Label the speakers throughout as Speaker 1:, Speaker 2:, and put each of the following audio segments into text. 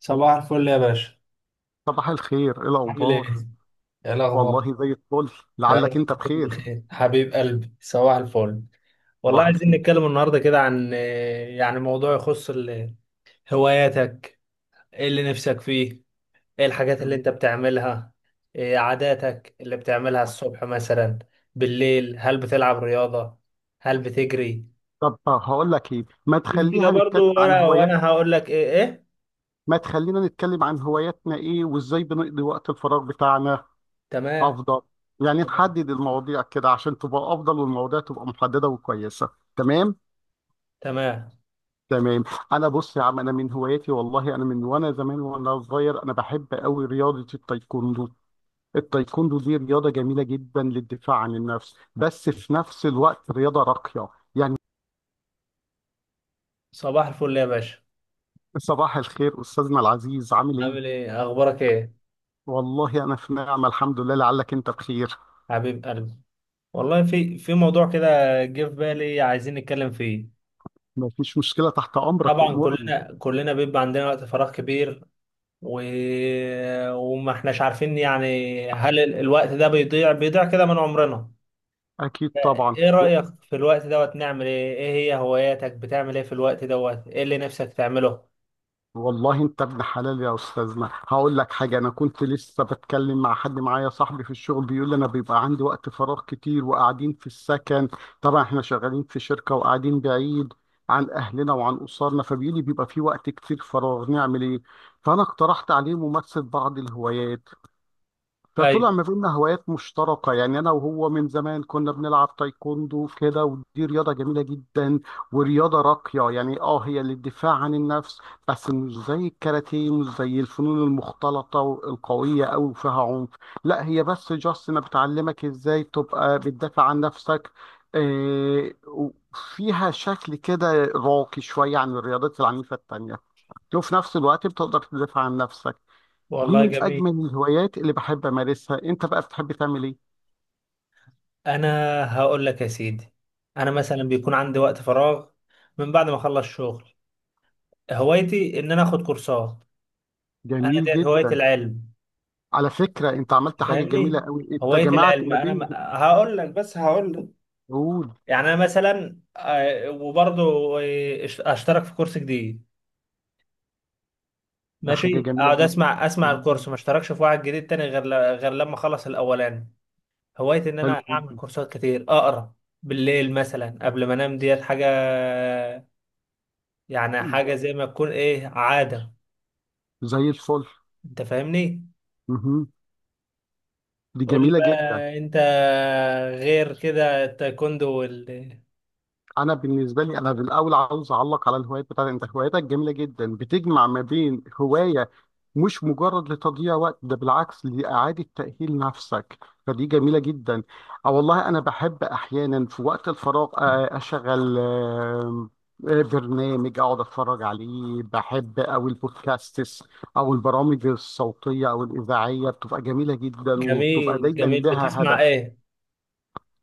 Speaker 1: صباح الفل يا باشا.
Speaker 2: صباح الخير، ايه
Speaker 1: عامل
Speaker 2: الاخبار؟
Speaker 1: ايه؟ يا الاخبار.
Speaker 2: والله زي الفل. لعلك
Speaker 1: رب
Speaker 2: انت
Speaker 1: تكون
Speaker 2: بخير.
Speaker 1: بخير حبيب قلبي. صباح الفل. والله
Speaker 2: صباح
Speaker 1: عايزين
Speaker 2: الخير.
Speaker 1: نتكلم النهارده كده عن يعني موضوع يخص هواياتك. ايه اللي نفسك فيه؟ ايه الحاجات اللي
Speaker 2: تمام.
Speaker 1: انت بتعملها؟ إيه عاداتك اللي بتعملها الصبح مثلا؟ بالليل هل بتلعب رياضة؟ هل بتجري؟
Speaker 2: طب هقول لك ايه، ما
Speaker 1: شوف كده
Speaker 2: تخليها نتكلم
Speaker 1: برضو،
Speaker 2: عن
Speaker 1: وانا
Speaker 2: هوايات.
Speaker 1: وانا هقول لك ايه.
Speaker 2: ما تخلينا نتكلم عن هواياتنا ايه وازاي بنقضي وقت الفراغ بتاعنا،
Speaker 1: تمام.
Speaker 2: افضل يعني نحدد المواضيع كده عشان تبقى افضل والمواضيع تبقى محدده وكويسه. تمام.
Speaker 1: تمام.
Speaker 2: تمام. انا بص يا عم، انا من هواياتي والله انا من وانا زمان وانا صغير انا بحب قوي رياضه التايكوندو. التايكوندو دي رياضة جميلة جدا للدفاع عن النفس، بس في نفس الوقت رياضة راقية يعني.
Speaker 1: صباح الفل يا باشا.
Speaker 2: صباح الخير أستاذنا العزيز، عامل إيه؟
Speaker 1: عامل ايه؟ اخبارك ايه؟
Speaker 2: والله أنا في نعمة الحمد لله، لعلك أنت بخير.
Speaker 1: حبيب قلبي، والله في موضوع كده جه في بالي عايزين نتكلم فيه.
Speaker 2: مفيش مشكلة، تحت أمرك
Speaker 1: طبعا
Speaker 2: وأمورني.
Speaker 1: كلنا بيبقى عندنا وقت فراغ كبير، و... وما احناش عارفين يعني هل الوقت ده بيضيع بيضيع كده من عمرنا.
Speaker 2: أكيد طبعا.
Speaker 1: ايه رأيك في الوقت دوت نعمل ايه؟ ايه هي هواياتك؟ بتعمل ايه في الوقت دوت؟ ايه اللي نفسك تعمله؟
Speaker 2: والله انت ابن حلال يا استاذنا، هقول لك حاجه، انا كنت لسه بتكلم مع حد معايا صاحبي في الشغل بيقول لي انا بيبقى عندي وقت فراغ كتير وقاعدين في السكن. طبعا احنا شغالين في شركه وقاعدين بعيد عن اهلنا وعن اسرنا، فبيقول لي بيبقى في وقت كتير فراغ نعمل ايه. فانا اقترحت عليه ممارسه بعض الهوايات. فطلع
Speaker 1: ايوه.
Speaker 2: ما بيننا هوايات مشتركة، يعني أنا وهو من زمان كنا بنلعب تايكوندو كده ودي رياضة جميلة جدا ورياضة راقية يعني. اه هي للدفاع عن النفس، بس مش زي الكاراتيه، مش زي الفنون المختلطة القوية أوي وفيها عنف. لا هي بس جاست أنا بتعلمك إزاي تبقى بتدافع عن نفسك. وفيها شكل كده راقي شوية عن الرياضات العنيفة التانية، وفي نفس الوقت بتقدر تدافع عن نفسك. دي
Speaker 1: والله
Speaker 2: من
Speaker 1: جميل.
Speaker 2: اجمل الهوايات اللي بحب امارسها. انت بقى بتحب تعمل ايه؟
Speaker 1: انا هقول لك يا سيدي، انا مثلا بيكون عندي وقت فراغ من بعد ما اخلص شغل. هوايتي ان انا اخد كورسات. انا
Speaker 2: جميل
Speaker 1: ديت هواية
Speaker 2: جدا.
Speaker 1: العلم،
Speaker 2: على فكره انت عملت حاجه جميله
Speaker 1: فاهمني.
Speaker 2: قوي، انت
Speaker 1: هواية
Speaker 2: جمعت
Speaker 1: العلم،
Speaker 2: ما
Speaker 1: انا
Speaker 2: بين.
Speaker 1: هقول لك، بس هقول لك،
Speaker 2: قول.
Speaker 1: يعني انا مثلا وبرضه اشترك في كورس جديد،
Speaker 2: ده حاجه
Speaker 1: ماشي،
Speaker 2: جميله
Speaker 1: اقعد
Speaker 2: جدا.
Speaker 1: اسمع اسمع
Speaker 2: جميل
Speaker 1: الكورس، ما
Speaker 2: جدا.
Speaker 1: اشتركش في واحد جديد تاني غير لما اخلص الاولاني. هوايتي ان انا
Speaker 2: حلو
Speaker 1: اعمل
Speaker 2: جدا.
Speaker 1: كورسات كتير، اقرا بالليل مثلا قبل ما انام. ديت حاجة، يعني
Speaker 2: ده
Speaker 1: حاجة زي ما تكون ايه عادة.
Speaker 2: زي الفل.
Speaker 1: انت فاهمني؟
Speaker 2: مهم. دي
Speaker 1: قول لي
Speaker 2: جميله جدا.
Speaker 1: بقى. انت غير كده التايكوندو والكاراتيه؟
Speaker 2: انا بالنسبه لي انا في الاول عاوز اعلق على الهوايات بتاعتك، انت هواياتك جميله جدا بتجمع ما بين هوايه مش مجرد لتضييع وقت، ده بالعكس لاعاده تاهيل نفسك، فدي جميله جدا. اه والله انا بحب احيانا في وقت الفراغ اشغل برنامج اقعد اتفرج عليه بحب، او البودكاستس او البرامج الصوتيه او الاذاعيه، بتبقى جميله جدا وبتبقى
Speaker 1: جميل
Speaker 2: دايما
Speaker 1: جميل.
Speaker 2: لها
Speaker 1: بتسمع
Speaker 2: هدف.
Speaker 1: ايه؟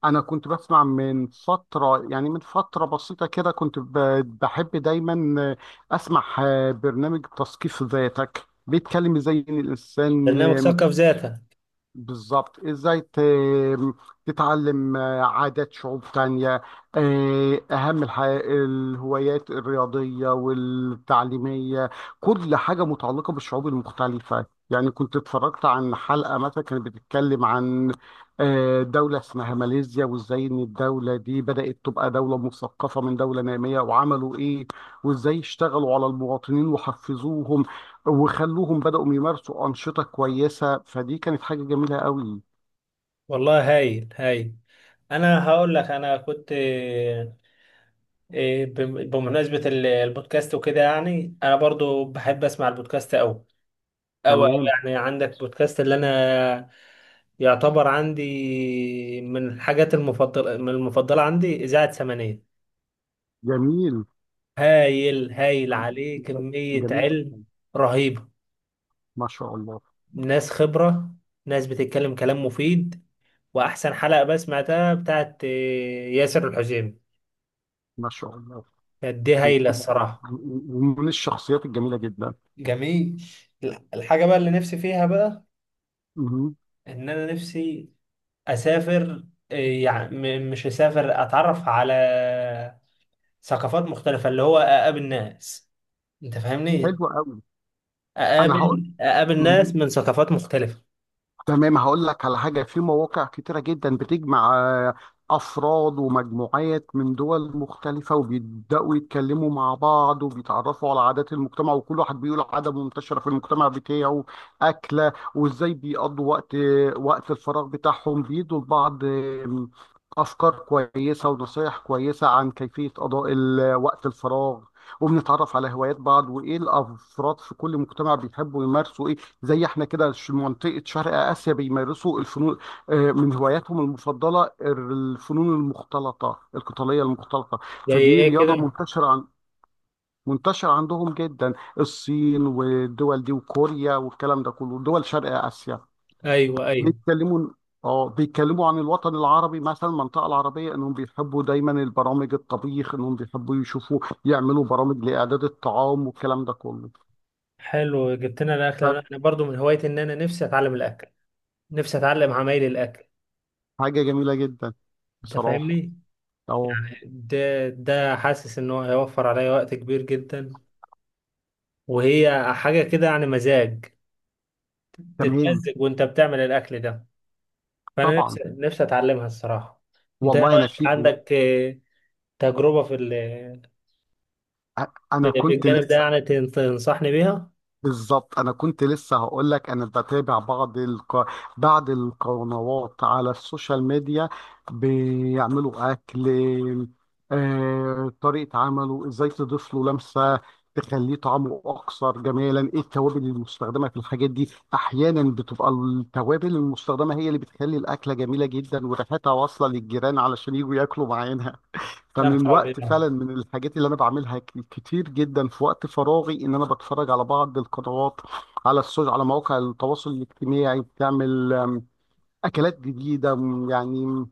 Speaker 2: انا كنت بسمع من فتره، يعني من فتره بسيطه كده كنت بحب دايما اسمع برنامج تثقيف ذاتك، بيتكلم ازاي إن الانسان
Speaker 1: برنامج ثقف ذاتك.
Speaker 2: بالظبط ازاي تتعلم عادات شعوب تانية. اهم الحاجة الهوايات الرياضية والتعليمية، كل حاجة متعلقة بالشعوب المختلفة. يعني كنت اتفرجت عن حلقة مثلا كانت بتتكلم عن دولة اسمها ماليزيا، وازاي ان الدولة دي بدأت تبقى دولة مثقفة من دولة نامية، وعملوا ايه وازاي اشتغلوا على المواطنين وحفزوهم وخلوهم بدأوا يمارسوا أنشطة كويسة. فدي كانت حاجة جميلة قوي.
Speaker 1: والله هايل هايل. انا هقول لك، انا كنت بمناسبة البودكاست وكده، يعني انا برضو بحب اسمع البودكاست اوي اوي اوي.
Speaker 2: تمام.
Speaker 1: يعني عندك بودكاست؟ اللي انا يعتبر عندي من الحاجات المفضلة، من المفضلة عندي إذاعة سمانية.
Speaker 2: جميل.
Speaker 1: هايل هايل، عليه كمية
Speaker 2: جميل
Speaker 1: علم
Speaker 2: جدا.
Speaker 1: رهيبة.
Speaker 2: ما شاء الله.
Speaker 1: ناس خبرة، ناس بتتكلم كلام مفيد. واحسن حلقه بقى سمعتها بتاعت ياسر الحزيمي،
Speaker 2: ما شاء الله.
Speaker 1: كانت دي هايله
Speaker 2: جميلة أوي.
Speaker 1: الصراحه.
Speaker 2: ومن الشخصيات الجميلة جدا.
Speaker 1: جميل. الحاجة بقى اللي نفسي فيها بقى
Speaker 2: مهم.
Speaker 1: ان انا نفسي اسافر. يعني مش اسافر، اتعرف على ثقافات مختلفة، اللي هو اقابل ناس. انت فاهمني؟
Speaker 2: حلو قوي. أنا هقول.
Speaker 1: اقابل اقابل ناس من ثقافات مختلفة.
Speaker 2: تمام هقول لك على حاجة، في مواقع كتيرة جدا بتجمع أفراد ومجموعات من دول مختلفة وبيبدأوا يتكلموا مع بعض وبيتعرفوا على عادات المجتمع، وكل واحد بيقول عادة منتشرة في المجتمع بتاعه، أكلة وإزاي بيقضوا وقت وقت الفراغ بتاعهم، بيدوا لبعض أفكار كويسة ونصايح كويسة عن كيفية قضاء وقت الفراغ. وبنتعرف على هوايات بعض وإيه الأفراد في كل مجتمع بيحبوا يمارسوا إيه. زي احنا كده منطقة شرق آسيا بيمارسوا الفنون، من هواياتهم المفضلة الفنون المختلطة القتالية المختلطة.
Speaker 1: زي
Speaker 2: فدي
Speaker 1: ايه
Speaker 2: رياضة
Speaker 1: كده؟
Speaker 2: منتشرة عندهم جدا، الصين والدول دي وكوريا والكلام ده كله دول شرق آسيا.
Speaker 1: ايوه، ايوه.
Speaker 2: بيتكلموا، اه بيتكلموا عن الوطن العربي مثلا، المنطقة العربية انهم بيحبوا دايما البرامج الطبيخ، انهم بيحبوا يشوفوا يعملوا برامج لإعداد الطعام والكلام ده كله.
Speaker 1: حلو جبت لنا الاكل. انا برضو من هوايتي ان انا نفسي اتعلم الاكل، نفسي اتعلم عمايل الاكل.
Speaker 2: فحاجة جميلة جدا
Speaker 1: انت
Speaker 2: بصراحة.
Speaker 1: فاهمني؟
Speaker 2: اه.
Speaker 1: يعني ده حاسس ان هو هيوفر عليا وقت كبير جدا. وهي حاجة كده يعني مزاج،
Speaker 2: تمام.
Speaker 1: تتمزج وانت بتعمل الاكل ده. فانا
Speaker 2: طبعا.
Speaker 1: نفسي نفسي اتعلمها الصراحة. انت إيه
Speaker 2: والله انا
Speaker 1: رأيك؟
Speaker 2: في.
Speaker 1: عندك تجربة في
Speaker 2: أ-
Speaker 1: في
Speaker 2: انا
Speaker 1: في
Speaker 2: كنت
Speaker 1: الجانب ده؟
Speaker 2: لسه.
Speaker 1: يعني تنصحني بيها.
Speaker 2: بالظبط انا كنت لسه هقول لك، انا بتابع بعض بعض القنوات على السوشيال ميديا بيعملوا اكل. طريقة عمله ازاي تضيف له لمسة تخليه طعمه اكثر جمالا، ايه التوابل المستخدمة في الحاجات دي، احيانا بتبقى التوابل المستخدمة هي اللي بتخلي الاكلة جميلة جدا وريحتها واصلة للجيران علشان يجوا ياكلوا معانا.
Speaker 1: يا
Speaker 2: فمن
Speaker 1: نهار
Speaker 2: الوقت
Speaker 1: أبيض.
Speaker 2: فعلا من الحاجات اللي انا بعملها كتير جدا في وقت فراغي ان انا بتفرج على بعض القنوات على السوشيال، على مواقع التواصل الاجتماعي، بتعمل اكلات جديده، يعني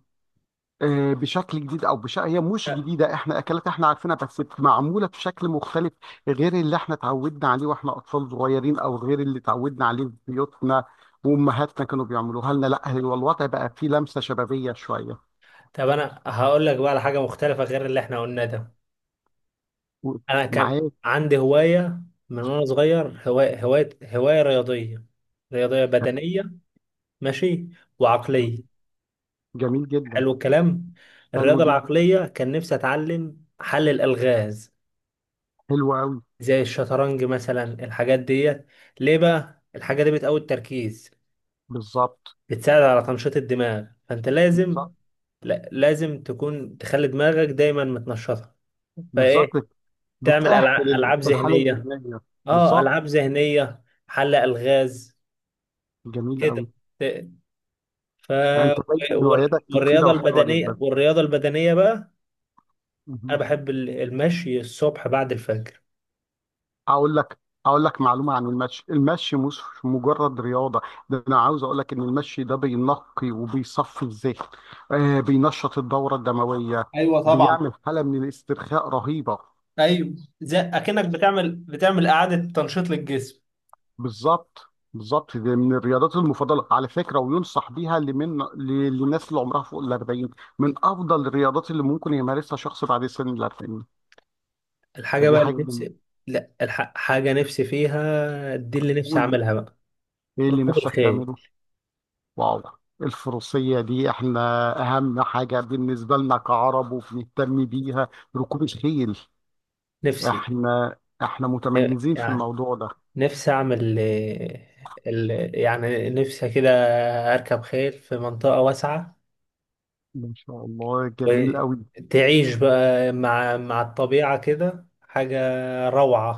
Speaker 2: بشكل جديد او هي مش جديده، احنا اكلات احنا عارفينها بس معموله بشكل مختلف غير اللي احنا اتعودنا عليه واحنا اطفال صغيرين، او غير اللي اتعودنا عليه في بيوتنا وامهاتنا كانوا بيعملوها لنا. لا هو الوضع بقى فيه لمسه شبابيه شويه
Speaker 1: طب انا هقول لك بقى على حاجة مختلفة غير اللي احنا قلناه ده.
Speaker 2: و-
Speaker 1: انا كان
Speaker 2: معاك.
Speaker 1: عندي هواية من وانا صغير، هواية رياضية، رياضية
Speaker 2: تمام.
Speaker 1: بدنية. ماشي.
Speaker 2: تمام.
Speaker 1: وعقلية.
Speaker 2: جميل جدا.
Speaker 1: حلو الكلام.
Speaker 2: حلو
Speaker 1: الرياضة
Speaker 2: جدا.
Speaker 1: العقلية كان نفسي أتعلم حل الألغاز،
Speaker 2: حلو قوي.
Speaker 1: زي الشطرنج مثلا، الحاجات ديت. ليه بقى؟ الحاجة دي بتقوي التركيز،
Speaker 2: بالظبط.
Speaker 1: بتساعد على تنشيط الدماغ، فأنت لازم،
Speaker 2: بالظبط.
Speaker 1: لا، لازم تكون تخلي دماغك دايما متنشطة.
Speaker 2: بالظبط
Speaker 1: فإيه؟ تعمل
Speaker 2: بتأهل
Speaker 1: ألعاب, ألعاب
Speaker 2: الحالة
Speaker 1: ذهنية.
Speaker 2: الذهنية.
Speaker 1: آه،
Speaker 2: بالظبط.
Speaker 1: ألعاب ذهنية، حل ألغاز.
Speaker 2: جميل قوي.
Speaker 1: كده. ت- ف
Speaker 2: يعني انت باين هواياتك مفيدة
Speaker 1: والرياضة
Speaker 2: وحلوة
Speaker 1: البدنية
Speaker 2: جدا.
Speaker 1: والرياضة البدنية بقى، أنا
Speaker 2: مهم.
Speaker 1: بحب المشي الصبح بعد الفجر.
Speaker 2: اقول لك، اقول لك معلومة عن المشي، المشي مش مجرد رياضة، ده انا عاوز اقول لك ان المشي ده بينقي وبيصفي الذهن، آه بينشط الدورة الدموية،
Speaker 1: ايوه طبعا.
Speaker 2: بيعمل حالة من الاسترخاء رهيبة.
Speaker 1: ايوه. زي اكنك بتعمل بتعمل اعاده تنشيط للجسم.
Speaker 2: بالظبط. بالظبط دي من الرياضات المفضله على فكره، وينصح بيها لمن للناس اللي عمرها فوق ال 40، من افضل الرياضات اللي ممكن يمارسها شخص بعد سن ال 40.
Speaker 1: الحاجة
Speaker 2: فدي
Speaker 1: بقى اللي
Speaker 2: حاجه جميلة.
Speaker 1: نفسي، لا، حاجة نفسي فيها دي، اللي نفسي
Speaker 2: قول.
Speaker 1: أعملها بقى.
Speaker 2: ايه اللي
Speaker 1: ركوب
Speaker 2: نفسك
Speaker 1: الخيل.
Speaker 2: تعمله؟ واو. الفروسيه دي احنا اهم حاجه بالنسبه لنا كعرب وبنهتم بيها، ركوب الخيل.
Speaker 1: نفسي.
Speaker 2: احنا احنا متميزين في
Speaker 1: يعني
Speaker 2: الموضوع ده.
Speaker 1: نفسي أعمل ال... يعني نفسي كده أركب خيل في منطقة واسعة،
Speaker 2: ما شاء الله جميل قوي.
Speaker 1: وتعيش بقى مع الطبيعة كده. حاجة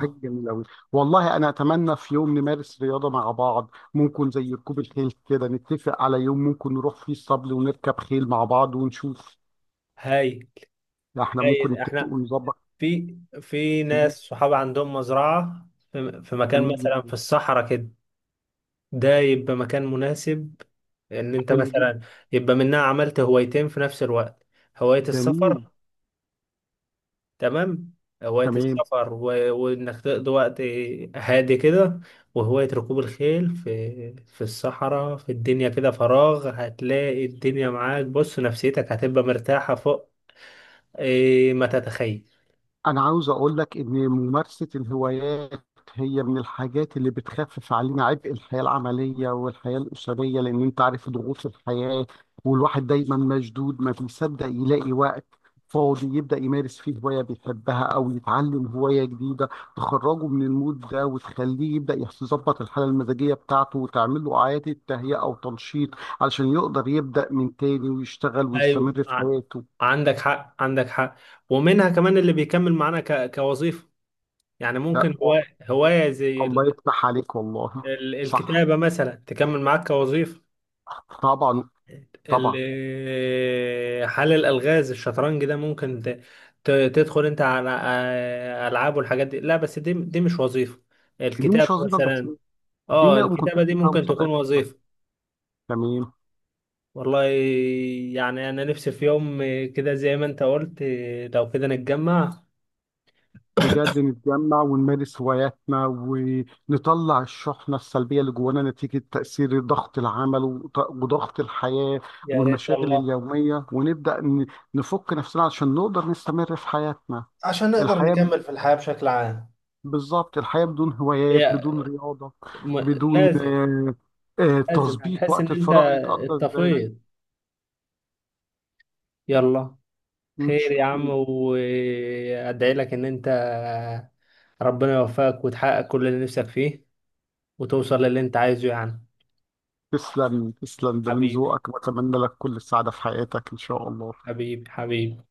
Speaker 2: حاجة جميلة أوي. والله أنا أتمنى في يوم نمارس رياضة مع بعض، ممكن زي ركوب الخيل كده، نتفق على يوم ممكن نروح فيه الصبل ونركب خيل مع بعض ونشوف.
Speaker 1: هاي.
Speaker 2: إحنا ممكن
Speaker 1: هاي،
Speaker 2: نتفق
Speaker 1: احنا
Speaker 2: ونظبط.
Speaker 1: في ناس صحاب عندهم مزرعة في في مكان
Speaker 2: جميل
Speaker 1: مثلا
Speaker 2: جدا.
Speaker 1: في الصحراء كده. ده يبقى مكان مناسب ان انت
Speaker 2: حلو جدا.
Speaker 1: مثلا يبقى منها عملت هوايتين في نفس الوقت. هواية
Speaker 2: جميل.
Speaker 1: السفر. تمام. هواية
Speaker 2: تمام.
Speaker 1: السفر وانك تقضي وقت هادي كده، وهواية ركوب الخيل في الصحراء. في الدنيا كده فراغ هتلاقي الدنيا معاك. بص، نفسيتك هتبقى مرتاحة فوق. إيه ما تتخيل.
Speaker 2: أنا عاوز أقول لك إن ممارسة الهوايات هي من الحاجات اللي بتخفف علينا عبء الحياة العملية والحياة الأسرية، لأن أنت عارف ضغوط الحياة والواحد دايما مشدود ما بيصدق يلاقي وقت فاضي يبدأ يمارس فيه هواية بيحبها أو يتعلم هواية جديدة تخرجه من المود ده وتخليه يبدأ يظبط الحالة المزاجية بتاعته، وتعمل له إعادة تهيئة أو تنشيط علشان يقدر يبدأ من تاني ويشتغل
Speaker 1: ايوه،
Speaker 2: ويستمر في حياته.
Speaker 1: عندك حق، عندك حق. ومنها كمان اللي بيكمل معانا كوظيفه. يعني
Speaker 2: لا،
Speaker 1: ممكن هوايه هوايه زي
Speaker 2: الله يفتح عليك والله. صح.
Speaker 1: الكتابه مثلا تكمل معاك كوظيفه.
Speaker 2: طبعا. طبعا.
Speaker 1: حل الالغاز، الشطرنج ده ممكن تدخل انت على العاب والحاجات دي. لا، بس دي مش وظيفه.
Speaker 2: دي مش
Speaker 1: الكتابه
Speaker 2: وظيفه بس.
Speaker 1: مثلا،
Speaker 2: دي
Speaker 1: اه،
Speaker 2: ما ما كنتش
Speaker 1: الكتابه دي
Speaker 2: فيها
Speaker 1: ممكن تكون
Speaker 2: مسابقات كده.
Speaker 1: وظيفه.
Speaker 2: تمام.
Speaker 1: والله، يعني انا نفسي في يوم كده زي ما انت قلت، لو كده نتجمع.
Speaker 2: بجد نتجمع ونمارس هواياتنا ونطلع الشحنه السلبيه اللي جوانا نتيجه تاثير ضغط العمل وضغط الحياه
Speaker 1: يا ريت
Speaker 2: والمشاغل
Speaker 1: والله.
Speaker 2: اليوميه، ونبدا نفك نفسنا عشان نقدر نستمر في حياتنا.
Speaker 1: عشان نقدر
Speaker 2: الحياه.
Speaker 1: نكمل في الحياة بشكل عام.
Speaker 2: بالظبط الحياه بدون هوايات
Speaker 1: هي
Speaker 2: بدون رياضه
Speaker 1: م...
Speaker 2: بدون
Speaker 1: لازم. لازم
Speaker 2: تظبيط
Speaker 1: هتحس
Speaker 2: وقت
Speaker 1: ان انت
Speaker 2: الفراغ يتقضى ازاي؟
Speaker 1: اتطفيت. يلا. خير
Speaker 2: مش.
Speaker 1: يا عم. وادعي لك ان انت ربنا يوفقك وتحقق كل اللي نفسك فيه، وتوصل للي انت عايزه يعني.
Speaker 2: تسلم تسلم، ده من
Speaker 1: حبيبي،
Speaker 2: ذوقك، واتمنى لك كل السعادة في حياتك ان شاء الله.
Speaker 1: حبيبي، حبيبي.